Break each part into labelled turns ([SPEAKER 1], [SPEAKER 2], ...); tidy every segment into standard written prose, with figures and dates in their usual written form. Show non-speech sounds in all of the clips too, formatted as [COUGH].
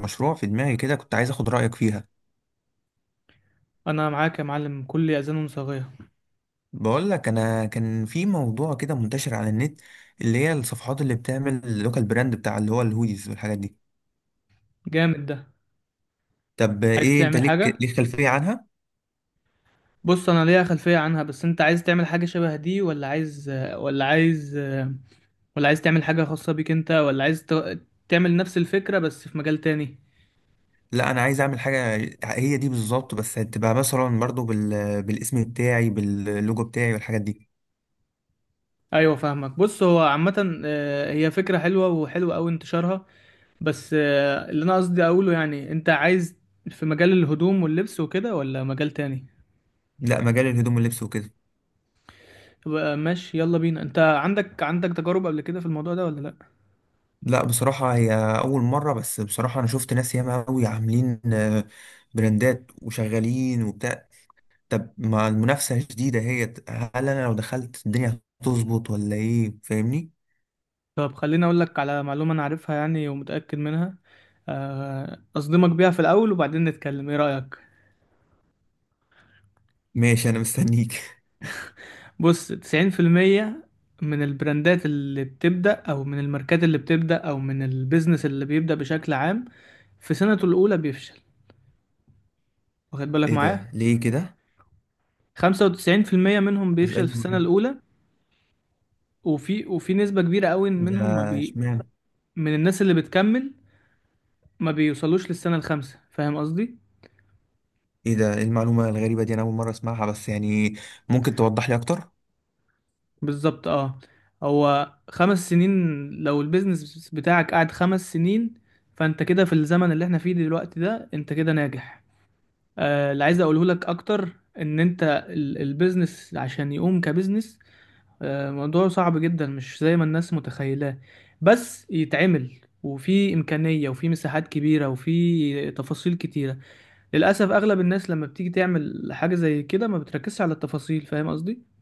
[SPEAKER 1] مشروع في دماغي كده كنت عايز اخد رأيك فيها.
[SPEAKER 2] انا معاك يا معلم، كل اذان صاغية.
[SPEAKER 1] بقول لك انا كان في موضوع كده منتشر على النت، اللي هي الصفحات اللي بتعمل اللوكال براند بتاع اللي هو الهوديز والحاجات دي.
[SPEAKER 2] جامد ده.
[SPEAKER 1] طب
[SPEAKER 2] عايز
[SPEAKER 1] ايه انت
[SPEAKER 2] تعمل
[SPEAKER 1] ليك
[SPEAKER 2] حاجة؟
[SPEAKER 1] ليك خلفية عنها؟
[SPEAKER 2] بص، انا ليا خلفية عنها بس انت عايز تعمل حاجة شبه دي ولا عايز ولا عايز تعمل حاجة خاصة بيك انت، تعمل نفس الفكرة بس في مجال تاني؟
[SPEAKER 1] لا انا عايز اعمل حاجة، هي دي بالظبط، بس هتبقى مثلا برضو بالاسم بتاعي باللوجو بتاعي والحاجات دي.
[SPEAKER 2] ايوه فاهمك. بص، هو عامة هي فكرة حلوة، وحلوة اوي انتشارها. بس اللي انا قصدي اقوله يعني انت عايز في مجال الهدوم واللبس وكده ولا مجال تاني؟
[SPEAKER 1] لا، مجال الهدوم واللبس وكده.
[SPEAKER 2] يبقى ماشي، يلا بينا. انت عندك تجارب قبل كده في الموضوع ده ولا لا؟
[SPEAKER 1] لا بصراحة هي أول مرة، بس بصراحة أنا شفت ناس ياما أوي عاملين براندات وشغالين وبتاع. طب مع المنافسة الجديدة هي، هل أنا لو دخلت الدنيا هتظبط ولا إيه، فاهمني؟
[SPEAKER 2] طب خليني اقول لك على معلومة انا عارفها يعني ومتأكد منها. اصدمك بيها في الاول وبعدين نتكلم، ايه رأيك؟
[SPEAKER 1] ماشي أنا مستنيك.
[SPEAKER 2] بص، 90% من البراندات اللي بتبدأ او من الماركات اللي بتبدأ او من البيزنس اللي بيبدأ بشكل عام، في سنته الاولى بيفشل. واخد
[SPEAKER 1] [LAUGHS]
[SPEAKER 2] بالك
[SPEAKER 1] إيه
[SPEAKER 2] معايا.
[SPEAKER 1] ده ليه كده؟
[SPEAKER 2] 95% منهم
[SPEAKER 1] بس
[SPEAKER 2] بيفشل
[SPEAKER 1] أيوة
[SPEAKER 2] في السنة
[SPEAKER 1] معاك.
[SPEAKER 2] الاولى. وفي نسبة كبيرة قوي
[SPEAKER 1] ده
[SPEAKER 2] منهم ما بي
[SPEAKER 1] اشمعنى؟
[SPEAKER 2] من الناس اللي بتكمل ما بيوصلوش للسنة الخامسة، فاهم قصدي؟
[SPEAKER 1] إيه ده، إيه المعلومة الغريبة دي، أنا أول مرة أسمعها، بس يعني ممكن توضح لي أكتر؟
[SPEAKER 2] بالظبط. اه. هو 5 سنين، لو البيزنس بتاعك قعد 5 سنين، فانت كده في الزمن اللي احنا فيه دلوقتي ده انت كده ناجح. اللي عايز اقوله لك اكتر ان انت، البيزنس عشان يقوم كبيزنس موضوع صعب جدا، مش زي ما الناس متخيلاه. بس يتعمل، وفي امكانية وفي مساحات كبيرة وفي تفاصيل كتيرة. للاسف اغلب الناس لما بتيجي تعمل حاجة زي كده ما بتركزش على التفاصيل، فاهم قصدي؟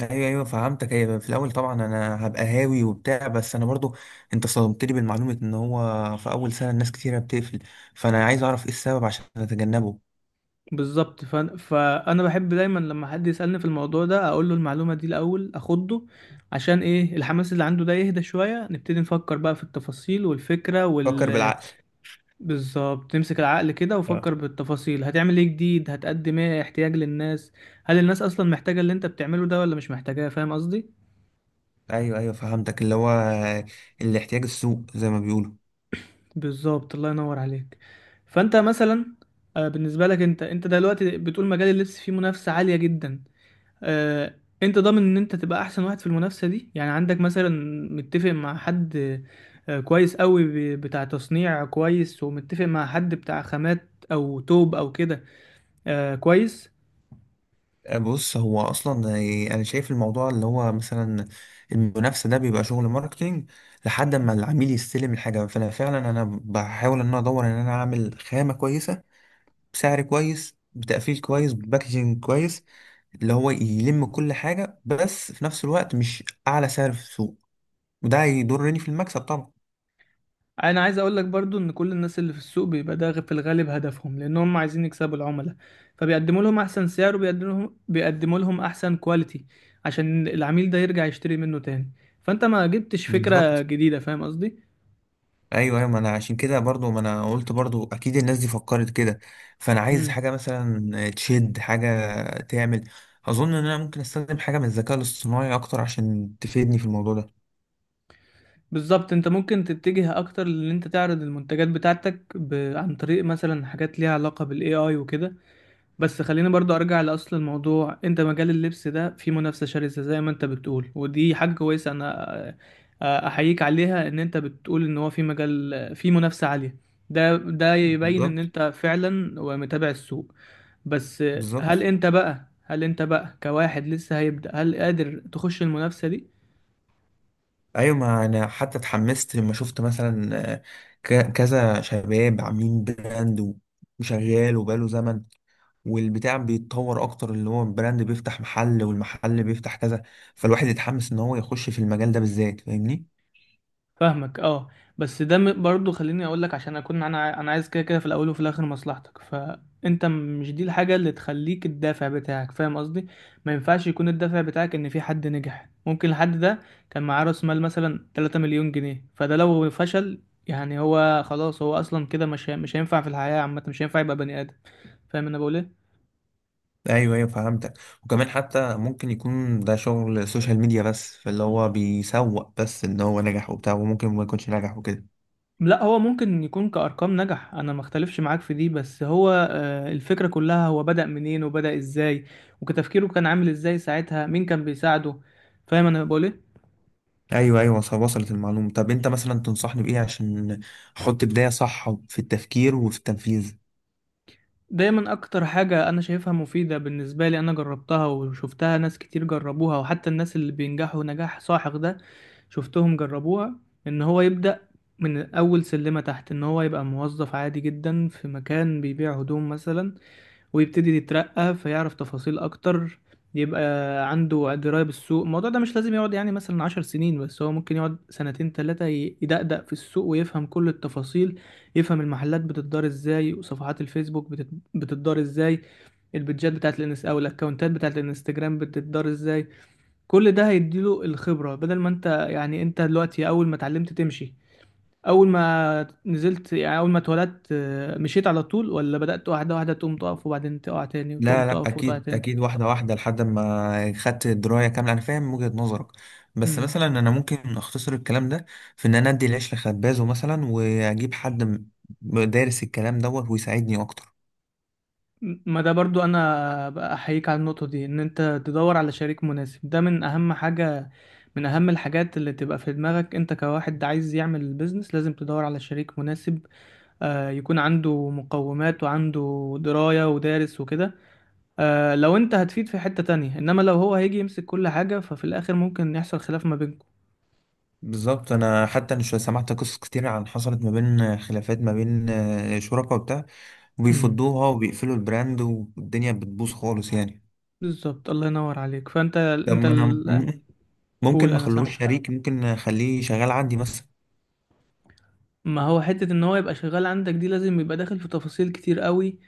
[SPEAKER 1] أيوة أيوة فهمتك. أيوة في الأول طبعا أنا هبقى هاوي وبتاع، بس أنا برضو أنت صدمتني بالمعلومة إن هو في أول سنة الناس كتيرة بتقفل، فأنا عايز أعرف إيه السبب عشان أتجنبه.
[SPEAKER 2] بالظبط. فانا بحب دايما لما حد يسالني في الموضوع ده اقول له المعلومه دي الاول، اخده عشان ايه؟ الحماس اللي عنده ده يهدى شويه، نبتدي نفكر بقى في التفاصيل والفكره
[SPEAKER 1] فكر
[SPEAKER 2] وال...
[SPEAKER 1] بالعقل.
[SPEAKER 2] بالظبط، تمسك العقل كده وفكر بالتفاصيل. هتعمل ايه جديد؟ هتقدم ايه احتياج للناس؟ هل الناس اصلا محتاجه اللي انت بتعمله ده ولا مش محتاجاه، فاهم قصدي؟
[SPEAKER 1] ايوه ايوه فهمتك، اللي هو الاحتياج السوق زي ما بيقولوا.
[SPEAKER 2] بالظبط، الله ينور عليك. فانت مثلا بالنسبه لك، انت دلوقتي بتقول مجال اللبس فيه منافسه عاليه جدا. آه، انت ضامن ان انت تبقى احسن واحد في المنافسه دي؟ يعني عندك مثلا متفق مع حد كويس قوي، بتاع تصنيع كويس، ومتفق مع حد بتاع خامات او توب او كده كويس؟
[SPEAKER 1] بص هو اصلا انا شايف الموضوع اللي هو مثلا المنافسه ده بيبقى شغل ماركتينج لحد ما العميل يستلم الحاجه، فانا فعلا بحاول ان انا ادور ان انا اعمل خامه كويسه بسعر كويس بتقفيل كويس باكجينج كويس، اللي هو يلم كل حاجه، بس في نفس الوقت مش اعلى سعر في السوق، وده هيضرني في المكسب طبعا.
[SPEAKER 2] انا عايز اقول لك برضو ان كل الناس اللي في السوق بيبقى ده في الغالب هدفهم، لان هم عايزين يكسبوا العملاء، فبيقدموا لهم احسن سعر، وبيقدموا لهم احسن كواليتي عشان العميل ده يرجع يشتري منه تاني. فانت ما جبتش فكره
[SPEAKER 1] بالظبط.
[SPEAKER 2] جديده، فاهم قصدي؟
[SPEAKER 1] ايوه ايوه، ما انا عشان كده برضو ما انا قلت برضو اكيد الناس دي فكرت كده، فانا عايز حاجه مثلا تشد حاجه، تعمل، اظن ان انا ممكن استخدم حاجه من الذكاء الاصطناعي اكتر عشان تفيدني في الموضوع ده.
[SPEAKER 2] بالظبط. انت ممكن تتجه اكتر لان انت تعرض المنتجات بتاعتك عن طريق مثلا حاجات ليها علاقة بالاي اي وكده. بس خلينا برضو ارجع لاصل الموضوع. انت مجال اللبس ده فيه منافسة شرسة زي ما انت بتقول، ودي حاجة كويسة. انا احييك عليها ان انت بتقول ان هو في مجال في منافسة عالية. ده يبين ان
[SPEAKER 1] بالظبط
[SPEAKER 2] انت فعلا ومتابع السوق. بس
[SPEAKER 1] بالظبط.
[SPEAKER 2] هل انت بقى كواحد لسه هيبدأ، هل قادر تخش المنافسة دي؟
[SPEAKER 1] ايوه ما انا حتى اتحمست لما شفت مثلا، كذا شباب عاملين براند وشغال وبقاله زمن، والبتاع بيتطور اكتر، اللي هو البراند بيفتح محل، والمحل بيفتح كذا، فالواحد يتحمس ان هو يخش في المجال ده بالذات، فاهمني.
[SPEAKER 2] فاهمك. اه. بس ده برضو خليني اقول لك عشان اكون انا عايز كده كده في الاول وفي الاخر مصلحتك. فانت مش دي الحاجه اللي تخليك الدافع بتاعك، فاهم قصدي؟ ما ينفعش يكون الدافع بتاعك ان في حد نجح. ممكن الحد ده كان معاه راس مال مثلا 3 مليون جنيه، فده لو فشل يعني هو خلاص، هو اصلا كده مش هينفع في الحياه عامه، مش هينفع يبقى بني ادم؟ فاهم انا بقول ايه.
[SPEAKER 1] ايوه ايوه فهمتك. وكمان حتى ممكن يكون ده شغل سوشيال ميديا بس، فاللي هو بيسوق بس ان هو نجح وبتاع، وممكن ما يكونش نجح وكده.
[SPEAKER 2] لا، هو ممكن يكون كأرقام نجح، انا ما اختلفش معاك في دي، بس هو الفكرة كلها هو بدأ منين وبدأ ازاي، وكتفكيره كان عامل ازاي ساعتها، مين كان بيساعده؟ فاهم انا بقول ايه.
[SPEAKER 1] ايوه ايوه وصلت المعلومه. طب انت مثلا تنصحني بايه عشان احط بدايه صح في التفكير وفي التنفيذ؟
[SPEAKER 2] دايما اكتر حاجة انا شايفها مفيدة بالنسبة لي، انا جربتها وشفتها ناس كتير جربوها، وحتى الناس اللي بينجحوا نجاح ساحق ده شفتهم جربوها، ان هو يبدأ من اول سلمة تحت، ان هو يبقى موظف عادي جدا في مكان بيبيع هدوم مثلا، ويبتدي يترقى، فيعرف تفاصيل اكتر، يبقى عنده دراية بالسوق. الموضوع ده مش لازم يقعد يعني مثلا 10 سنين، بس هو ممكن يقعد سنتين تلاتة يدقدق في السوق ويفهم كل التفاصيل. يفهم المحلات بتدار ازاي، وصفحات الفيسبوك بتدار ازاي، البيدجات بتاعت الانس او الاكونتات بتاعت الانستجرام بتدار ازاي. كل ده هيديله الخبرة، بدل ما انت، يعني انت دلوقتي اول ما اتعلمت تمشي، اول ما نزلت، يعني اول ما اتولدت، مشيت على طول، ولا بدأت واحده واحده تقوم تقف وبعدين تقع تاني، وتقوم
[SPEAKER 1] لا لا
[SPEAKER 2] تقف وتقع
[SPEAKER 1] اكيد
[SPEAKER 2] تاني؟
[SPEAKER 1] اكيد، واحده واحده لحد ما خدت درايه كامله، انا فاهم وجهه نظرك، بس
[SPEAKER 2] امم.
[SPEAKER 1] مثلا انا ممكن اختصر الكلام ده في ان انا ادي العيش لخبازه مثلا، واجيب حد دارس الكلام دوت ويساعدني اكتر.
[SPEAKER 2] ما ده برضو انا بقى احييك على النقطه دي، ان انت تدور على شريك مناسب ده من اهم حاجه. من اهم الحاجات اللي تبقى في دماغك انت كواحد عايز يعمل بيزنس، لازم تدور على شريك مناسب يكون عنده مقومات وعنده درايه ودارس وكده، لو انت هتفيد في حته تانية، انما لو هو هيجي يمسك كل حاجه، ففي الاخر ممكن يحصل خلاف ما
[SPEAKER 1] بالظبط. انا حتى سمعت قصص كتير عن حصلت ما بين خلافات ما بين شركاء وبتاع،
[SPEAKER 2] بينكم.
[SPEAKER 1] وبيفضوها وبيقفلوا البراند والدنيا بتبوظ خالص يعني.
[SPEAKER 2] بالظبط، الله ينور عليك. فانت
[SPEAKER 1] طب ما انا م- ممكن
[SPEAKER 2] قول،
[SPEAKER 1] ما
[SPEAKER 2] انا
[SPEAKER 1] اخلوش
[SPEAKER 2] سامعك.
[SPEAKER 1] شريك، ممكن اخليه شغال عندي مثلا.
[SPEAKER 2] ما هو حتة ان هو يبقى شغال عندك دي لازم يبقى داخل في تفاصيل كتير قوي،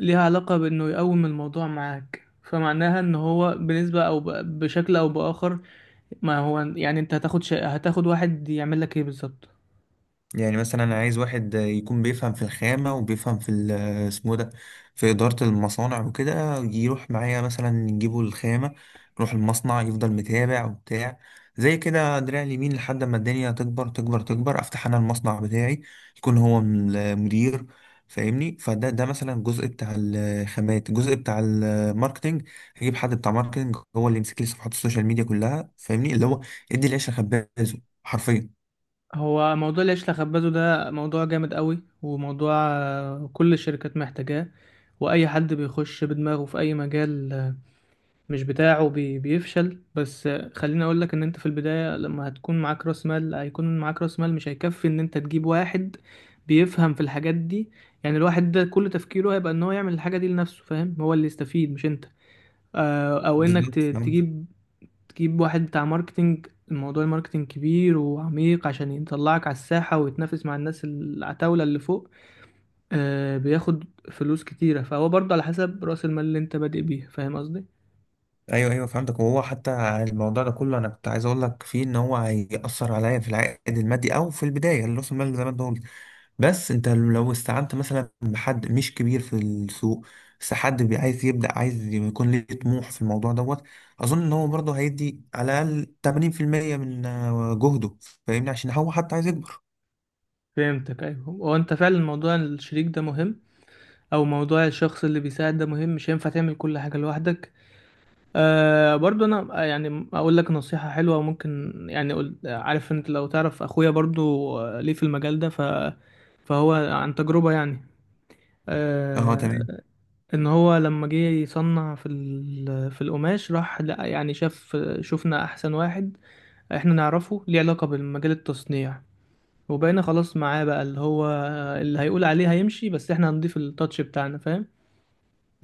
[SPEAKER 2] ليها علاقة بانه يقوم الموضوع معاك، فمعناها ان هو بنسبة او بشكل او باخر. ما هو يعني انت هتاخد واحد يعمل لك ايه بالظبط؟
[SPEAKER 1] يعني مثلا انا عايز واحد يكون بيفهم في الخامة وبيفهم في اسمه ده، في إدارة المصانع وكده، يروح معايا مثلا نجيبه الخامة، نروح المصنع يفضل متابع وبتاع، زي كده دراع اليمين، لحد ما الدنيا تكبر تكبر تكبر افتح انا المصنع بتاعي، يكون هو المدير، فاهمني. فده مثلا الجزء بتاع الخامات، الجزء بتاع الماركتينج هجيب حد بتاع ماركتينج هو اللي يمسك لي صفحات السوشيال ميديا كلها، فاهمني، اللي هو ادي العيش لخبازه حرفيا.
[SPEAKER 2] هو موضوع العيش لخبازه ده موضوع جامد قوي، وموضوع كل الشركات محتاجاه. واي حد بيخش بدماغه في اي مجال مش بتاعه بيفشل. بس خليني اقول لك ان انت في البداية لما هتكون معاك راس مال، هيكون معاك راس مال مش هيكفي ان انت تجيب واحد بيفهم في الحاجات دي. يعني الواحد ده كل تفكيره هيبقى ان هو يعمل الحاجة دي لنفسه، فاهم؟ هو اللي يستفيد مش انت. او انك
[SPEAKER 1] بالظبط.
[SPEAKER 2] تجيب واحد بتاع ماركتينج. الموضوع الماركتينج كبير وعميق عشان يطلعك على الساحة ويتنافس مع الناس العتاولة اللي فوق، بياخد فلوس كتيرة. فهو برضه على حسب راس المال اللي انت بادئ بيه، فاهم قصدي؟
[SPEAKER 1] ايوه ايوه فهمتك. وهو حتى الموضوع ده كله انا كنت عايز اقول لك فيه ان هو هيأثر عليا في العائد المادي او في البدايه، اللي راس المال زي ما انت قلت، بس انت لو استعنت مثلا بحد مش كبير في السوق، بس حد عايز يبدأ، عايز يكون ليه طموح في الموضوع دوت، اظن ان هو برضه هيدي على الاقل 80% من جهده، فاهمني، عشان هو حتى عايز يكبر.
[SPEAKER 2] فهمتك. ايوه، هو انت فعلا موضوع الشريك ده مهم، او موضوع الشخص اللي بيساعد ده مهم، مش هينفع تعمل كل حاجه لوحدك. برضو انا يعني اقول لك نصيحه حلوه، ممكن يعني أقول، عارف انت، لو تعرف اخويا برضو ليه في المجال ده فهو عن تجربه يعني.
[SPEAKER 1] اه تمام.
[SPEAKER 2] آه ان هو لما جه يصنع في القماش، راح لقى، يعني شفنا احسن واحد احنا نعرفه ليه علاقه بالمجال التصنيع، وبقينا خلاص معاه بقى، اللي هو اللي هيقول عليه هيمشي، بس احنا هنضيف التاتش بتاعنا، فاهم؟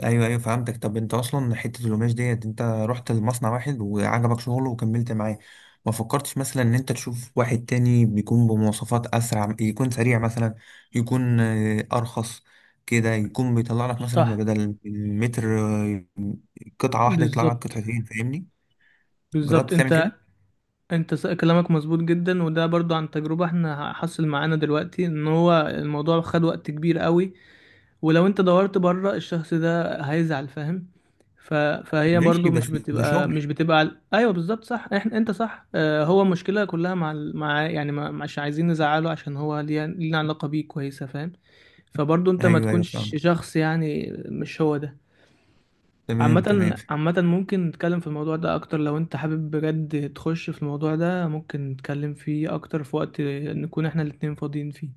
[SPEAKER 1] ايوه ايوه فهمتك. طب انت اصلا حته القماش ديت انت رحت لمصنع واحد وعجبك شغله وكملت معاه، ما فكرتش مثلا ان انت تشوف واحد تاني بيكون بمواصفات اسرع، يكون سريع مثلا، يكون ارخص كده، يكون بيطلع لك مثلا
[SPEAKER 2] صح.
[SPEAKER 1] بدل المتر قطعه واحده يطلع لك
[SPEAKER 2] بالظبط،
[SPEAKER 1] قطعتين، فاهمني؟
[SPEAKER 2] بالظبط،
[SPEAKER 1] جربت تعمل
[SPEAKER 2] انت
[SPEAKER 1] كده؟
[SPEAKER 2] انت كلامك مظبوط جدا، وده برضو عن تجربة. احنا حصل معانا دلوقتي ان هو الموضوع خد وقت كبير قوي، ولو انت دورت بره الشخص ده هيزعل، فاهم؟ فهي
[SPEAKER 1] ماشي،
[SPEAKER 2] برضو
[SPEAKER 1] بس ده شغل.
[SPEAKER 2] مش بتبقى ايوه، بالظبط، صح. احنا، صح. اه، هو المشكلة كلها مع مع يعني ما... مش عايزين نزعله عشان هو ليه علاقة بيه كويسة، فاهم؟ فبرضه انت ما
[SPEAKER 1] ايوه ايوه
[SPEAKER 2] تكونش
[SPEAKER 1] فاهم.
[SPEAKER 2] شخص، يعني مش هو ده.
[SPEAKER 1] تمام تمام.
[SPEAKER 2] عامة عامة ممكن نتكلم في الموضوع ده اكتر، لو انت حابب بجد تخش في الموضوع ده ممكن نتكلم فيه اكتر في وقت نكون احنا الاتنين فاضيين فيه.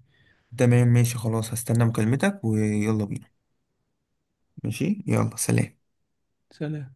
[SPEAKER 1] تمام ماشي خلاص، هستنى مكالمتك ويلا بينا. ماشي يلا سلام.
[SPEAKER 2] سلام.